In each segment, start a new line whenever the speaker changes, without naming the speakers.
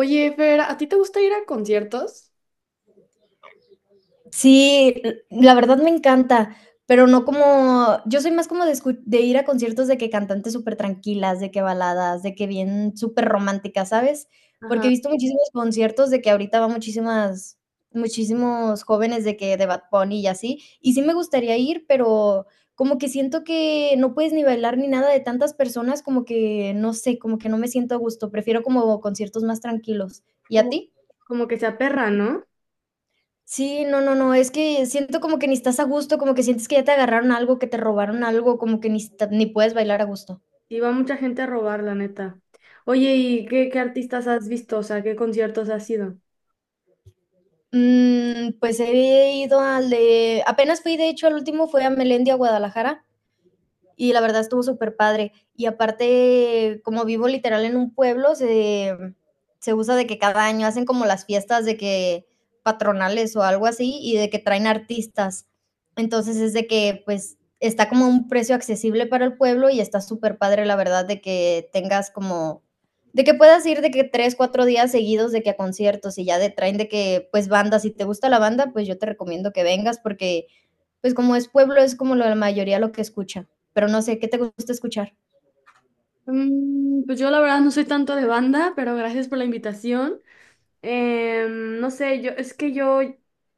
Oye, Fer, ¿a ti te gusta ir a conciertos?
Sí, la verdad me encanta, pero no como yo soy más como de, de ir a conciertos de que cantantes súper tranquilas, de que baladas, de que bien súper románticas, ¿sabes? Porque he
Ajá,
visto muchísimos conciertos de que ahorita va muchísimos jóvenes de Bad Bunny y así, y sí me gustaría ir, pero como que siento que no puedes ni bailar ni nada de tantas personas, como que no sé, como que no me siento a gusto, prefiero como conciertos más tranquilos. ¿Y a
como,
ti?
como que se aperra, ¿no?
Sí, no, no, no, es que siento como que ni estás a gusto, como que sientes que ya te agarraron algo, que te robaron algo, como que ni, ni puedes bailar a gusto.
Y va mucha gente a robar, la neta. Oye, ¿y qué artistas has visto? O sea, ¿qué conciertos has ido?
Mm, pues he ido al de, apenas fui, de hecho, al último fue a Melendi, a Guadalajara, y la verdad estuvo súper padre. Y aparte, como vivo literal en un pueblo, se usa de que cada año hacen como las fiestas de que patronales o algo así y de que traen artistas. Entonces es de que pues está como a un precio accesible para el pueblo y está súper padre la verdad de que tengas como de que puedas ir de que tres, cuatro días seguidos de que a conciertos y ya de traen de que pues bandas, si te gusta la banda, pues yo te recomiendo que vengas porque pues como es pueblo, es como la mayoría lo que escucha, pero no sé, ¿qué te gusta escuchar?
Pues yo la verdad no soy tanto de banda, pero gracias por la invitación. No sé, yo es que yo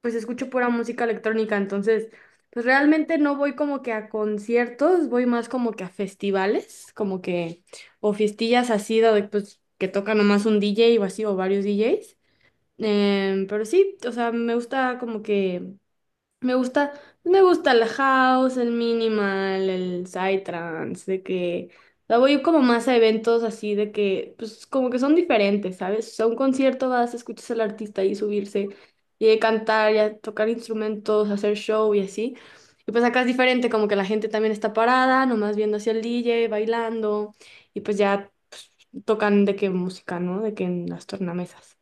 pues escucho pura música electrónica, entonces pues realmente no voy como que a conciertos, voy más como que a festivales, como que o fiestillas así de pues que toca nomás un DJ o así o varios DJs. Pero sí, o sea, me gusta como que me gusta, me gusta el house, el minimal, el psytrance, de que la voy como más a eventos así de que, pues como que son diferentes, ¿sabes? O sea, un concierto vas, escuchas al artista y subirse y de cantar, y a tocar instrumentos, hacer show y así. Y pues acá es diferente, como que la gente también está parada, nomás viendo hacia el DJ, bailando y pues ya pues, tocan de qué música, ¿no? De que en las tornamesas.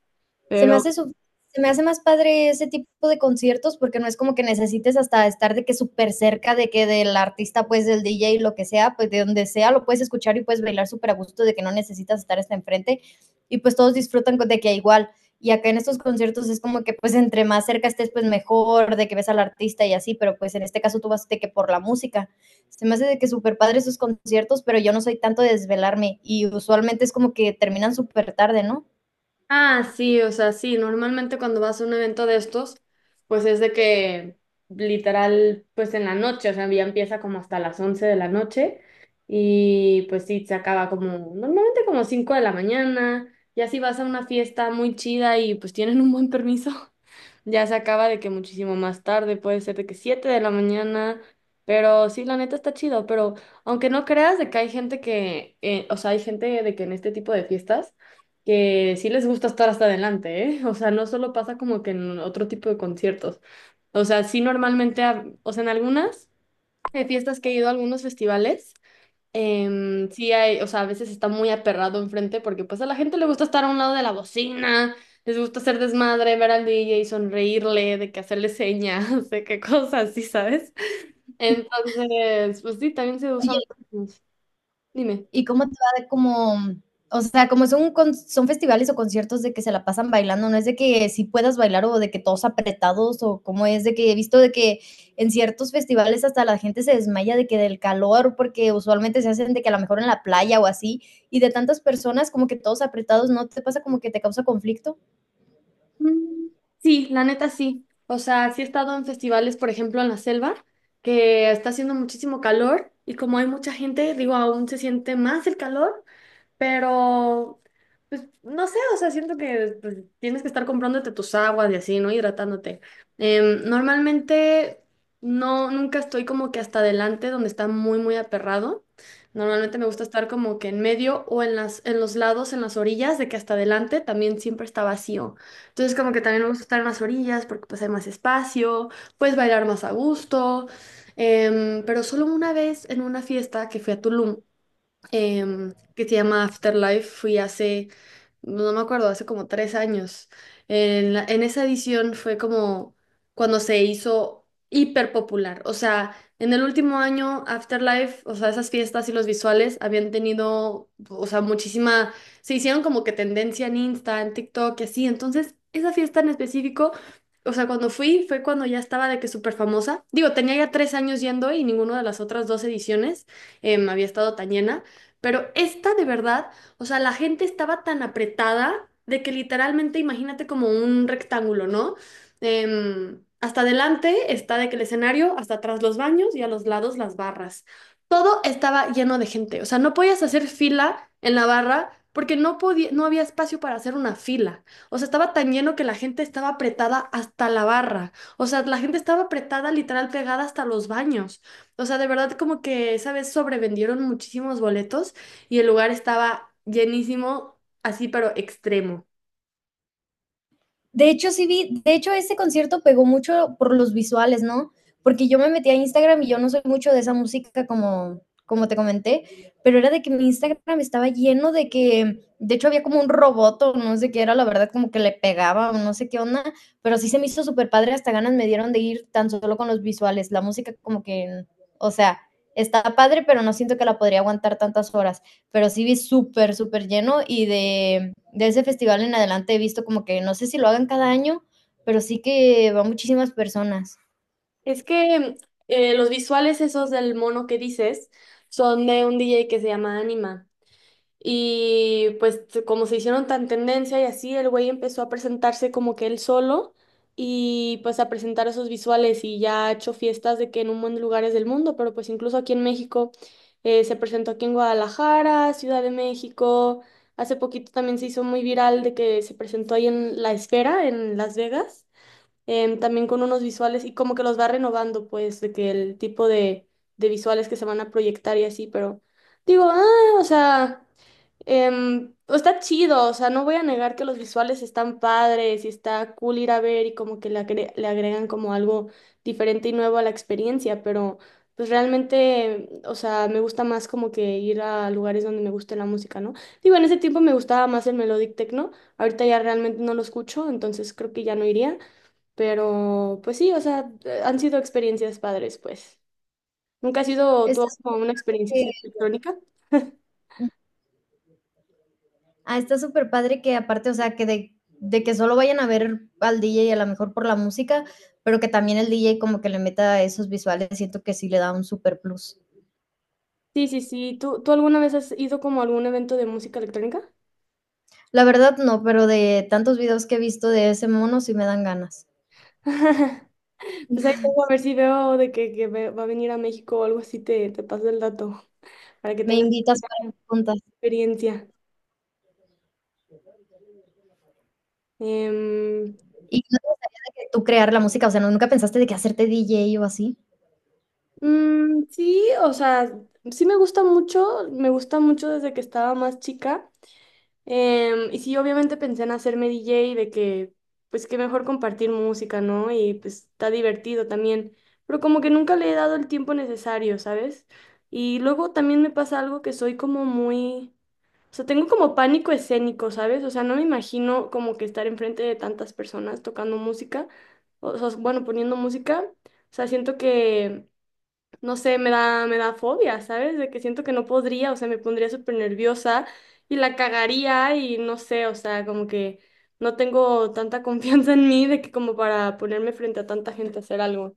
Se me hace su Se me hace más padre ese tipo de conciertos porque no es como que necesites hasta estar de que súper cerca de que del artista, pues del DJ, lo que sea, pues de donde sea, lo puedes escuchar y puedes bailar súper a gusto de que no necesitas estar hasta enfrente y pues todos disfrutan de que igual. Y acá en estos conciertos es como que pues entre más cerca estés pues mejor, de que ves al artista y así, pero pues en este caso tú vas de que por la música. Se me hace de que súper padre esos conciertos, pero yo no soy tanto de desvelarme y usualmente es como que terminan súper tarde, ¿no?
Ah, sí, o sea, sí, normalmente cuando vas a un evento de estos, pues es de que literal, pues en la noche, o sea, ya empieza como hasta las 11 de la noche y pues sí, se acaba como normalmente como 5 de la mañana, y así vas a una fiesta muy chida y pues tienen un buen permiso, ya se acaba de que muchísimo más tarde, puede ser de que 7 de la mañana, pero sí, la neta está chido, pero aunque no creas de que hay gente que, o sea, hay gente de que en este tipo de fiestas que sí les gusta estar hasta adelante, ¿eh? O sea, no solo pasa como que en otro tipo de conciertos, o sea, sí normalmente, o sea, en algunas fiestas que he ido a algunos festivales. Sí hay, o sea, a veces está muy aperrado enfrente porque pues a la gente le gusta estar a un lado de la bocina, les gusta hacer desmadre, ver al DJ, sonreírle, de que hacerle señas, de qué cosas, sí, ¿sabes? Entonces, pues sí, también se usa mucho. Dime.
¿Y cómo te va de como, o sea, como son, son festivales o conciertos de que se la pasan bailando, no es de que si puedas bailar o de que todos apretados o cómo es de que he visto de que en ciertos festivales hasta la gente se desmaya de que del calor, porque usualmente se hacen de que a lo mejor en la playa o así, y de tantas personas como que todos apretados, ¿no te pasa como que te causa conflicto?
Mm, Sí, la neta sí. O sea, sí he estado en festivales, por ejemplo, en la selva, que está haciendo muchísimo calor y como hay mucha gente, digo, aún se siente más el calor. Pero, pues, no sé, o sea, siento que pues, tienes que estar comprándote tus aguas y así, ¿no? Hidratándote. Normalmente, no, nunca estoy como que hasta adelante donde está muy, muy aperrado. Normalmente me gusta estar como que en medio o en las, en los lados, en las orillas, de que hasta adelante también siempre está vacío. Entonces, como que también me gusta estar en las orillas porque pues hay más espacio, puedes bailar más a gusto. Pero solo una vez en una fiesta que fui a Tulum, que se llama Afterlife. Fui hace no me acuerdo, hace como 3 años. En esa edición fue como cuando se hizo hiper popular. O sea, en el último año, Afterlife, o sea, esas fiestas y los visuales habían tenido, o sea, muchísima, se hicieron como que tendencia en Insta, en TikTok y así. Entonces, esa fiesta en específico, o sea, cuando fui fue cuando ya estaba de que súper famosa. Digo, tenía ya 3 años yendo y ninguna de las otras dos ediciones, había estado tan llena. Pero esta de verdad, o sea, la gente estaba tan apretada de que literalmente imagínate como un rectángulo, ¿no? Hasta adelante está de que el escenario, hasta atrás los baños y a los lados las barras. Todo estaba lleno de gente. O sea, no podías hacer fila en la barra porque no podía, no había espacio para hacer una fila. O sea, estaba tan lleno que la gente estaba apretada hasta la barra. O sea, la gente estaba apretada, literal, pegada hasta los baños. O sea, de verdad como que, ¿sabes? Sobrevendieron muchísimos boletos y el lugar estaba llenísimo, así pero extremo.
De hecho, sí vi, de hecho, ese concierto pegó mucho por los visuales, ¿no? Porque yo me metí a Instagram y yo no soy mucho de esa música como, como te comenté, pero era de que mi Instagram estaba lleno de que, de hecho, había como un robot o no sé qué era, la verdad, como que le pegaba o no sé qué onda, pero sí se me hizo súper padre, hasta ganas me dieron de ir tan solo con los visuales, la música como que, o sea, está padre, pero no siento que la podría aguantar tantas horas pero sí vi súper, súper lleno y ese festival en adelante he visto como que no sé si lo hagan cada año, pero sí que van muchísimas personas.
Es que los visuales esos del mono que dices son de un DJ que se llama Anima. Y pues como se hicieron tan tendencia y así, el güey empezó a presentarse como que él solo y pues a presentar esos visuales y ya ha hecho fiestas de que en un montón de lugares del mundo, pero pues incluso aquí en México se presentó aquí en Guadalajara, Ciudad de México. Hace poquito también se hizo muy viral de que se presentó ahí en La Esfera, en Las Vegas, también con unos visuales y como que los va renovando pues de que el tipo de visuales que se van a proyectar y así, pero digo, ah, o sea... Está chido, o sea, no voy a negar que los visuales están padres y está cool ir a ver y como que le agregan como algo diferente y nuevo a la experiencia, pero pues realmente, o sea, me gusta más como que ir a lugares donde me guste la música, ¿no? Digo, en ese tiempo me gustaba más el melodic techno, ahorita ya realmente no lo escucho, entonces creo que ya no iría, pero pues sí, o sea, han sido experiencias padres, pues. ¿Nunca ha sido
Está
tú como
súper
una experiencia
que-
así electrónica?
Está super padre que aparte, o sea, que que solo vayan a ver al DJ a lo mejor por la música, pero que también el DJ como que le meta esos visuales, siento que sí le da un super plus.
Sí, sí, sí. ¿Tú alguna vez has ido como a algún evento de música electrónica?
La verdad no, pero de tantos videos que he visto de ese mono sí me dan ganas.
Pues ahí luego a ver si veo de que va a venir a México o algo así, te paso el dato para que
Me
tengas
invitas para
una
preguntas.
experiencia. Em,
¿Y tú crear la música? O sea, ¿nunca pensaste de que hacerte DJ o así?
sí, o sea, sí me gusta mucho desde que estaba más chica. Y sí, obviamente pensé en hacerme DJ de que, pues qué mejor compartir música, ¿no? Y pues está divertido también, pero como que nunca le he dado el tiempo necesario, ¿sabes? Y luego también me pasa algo que soy como muy, o sea, tengo como pánico escénico, ¿sabes? O sea, no me imagino como que estar enfrente de tantas personas tocando música, o sea, bueno, poniendo música, o sea, siento que no sé, me da fobia, ¿sabes? De que siento que no podría, o sea, me pondría súper nerviosa y la cagaría y no sé, o sea, como que no tengo tanta confianza en mí de que como para ponerme frente a tanta gente a hacer algo.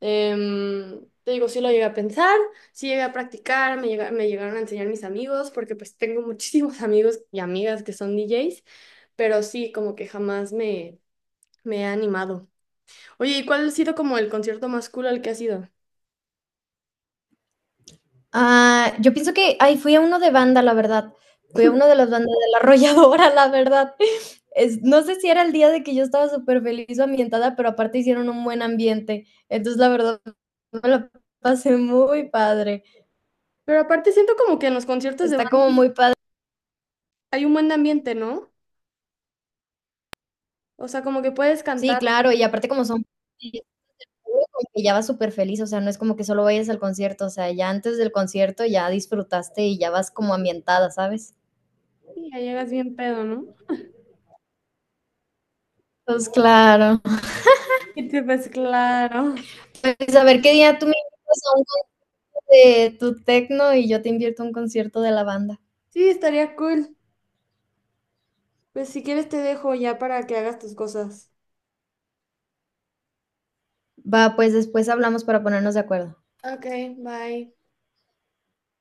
Te digo, sí lo llegué a pensar, sí llegué a practicar, me llegaron a enseñar mis amigos, porque pues tengo muchísimos amigos y amigas que son DJs, pero sí, como que jamás me he animado. Oye, ¿y cuál ha sido como el concierto más cool al que has ido?
Ah, yo pienso que, ay, fui a uno de banda, la verdad. Fui a uno de las bandas de la arrolladora, la verdad. No sé si era el día de que yo estaba súper feliz o ambientada, pero aparte hicieron un buen ambiente. Entonces, la verdad, me la pasé muy padre.
Pero aparte siento como que en los conciertos de
Está
banda
como muy padre.
hay un buen ambiente, ¿no? O sea, como que puedes
Sí,
cantar
claro, y aparte como son que ya vas súper feliz, o sea, no es como que solo vayas al concierto, o sea, ya antes del concierto ya disfrutaste y ya vas como ambientada, ¿sabes?
y ya llegas bien pedo, ¿no?
Pues claro.
Y te pues claro.
Pues a ver qué día tú me invitas a un concierto de tu tecno y yo te invierto a un concierto de la banda.
Sí, estaría cool. Pues si quieres te dejo ya para que hagas tus cosas.
Va, pues después hablamos para ponernos de acuerdo.
Ok, bye.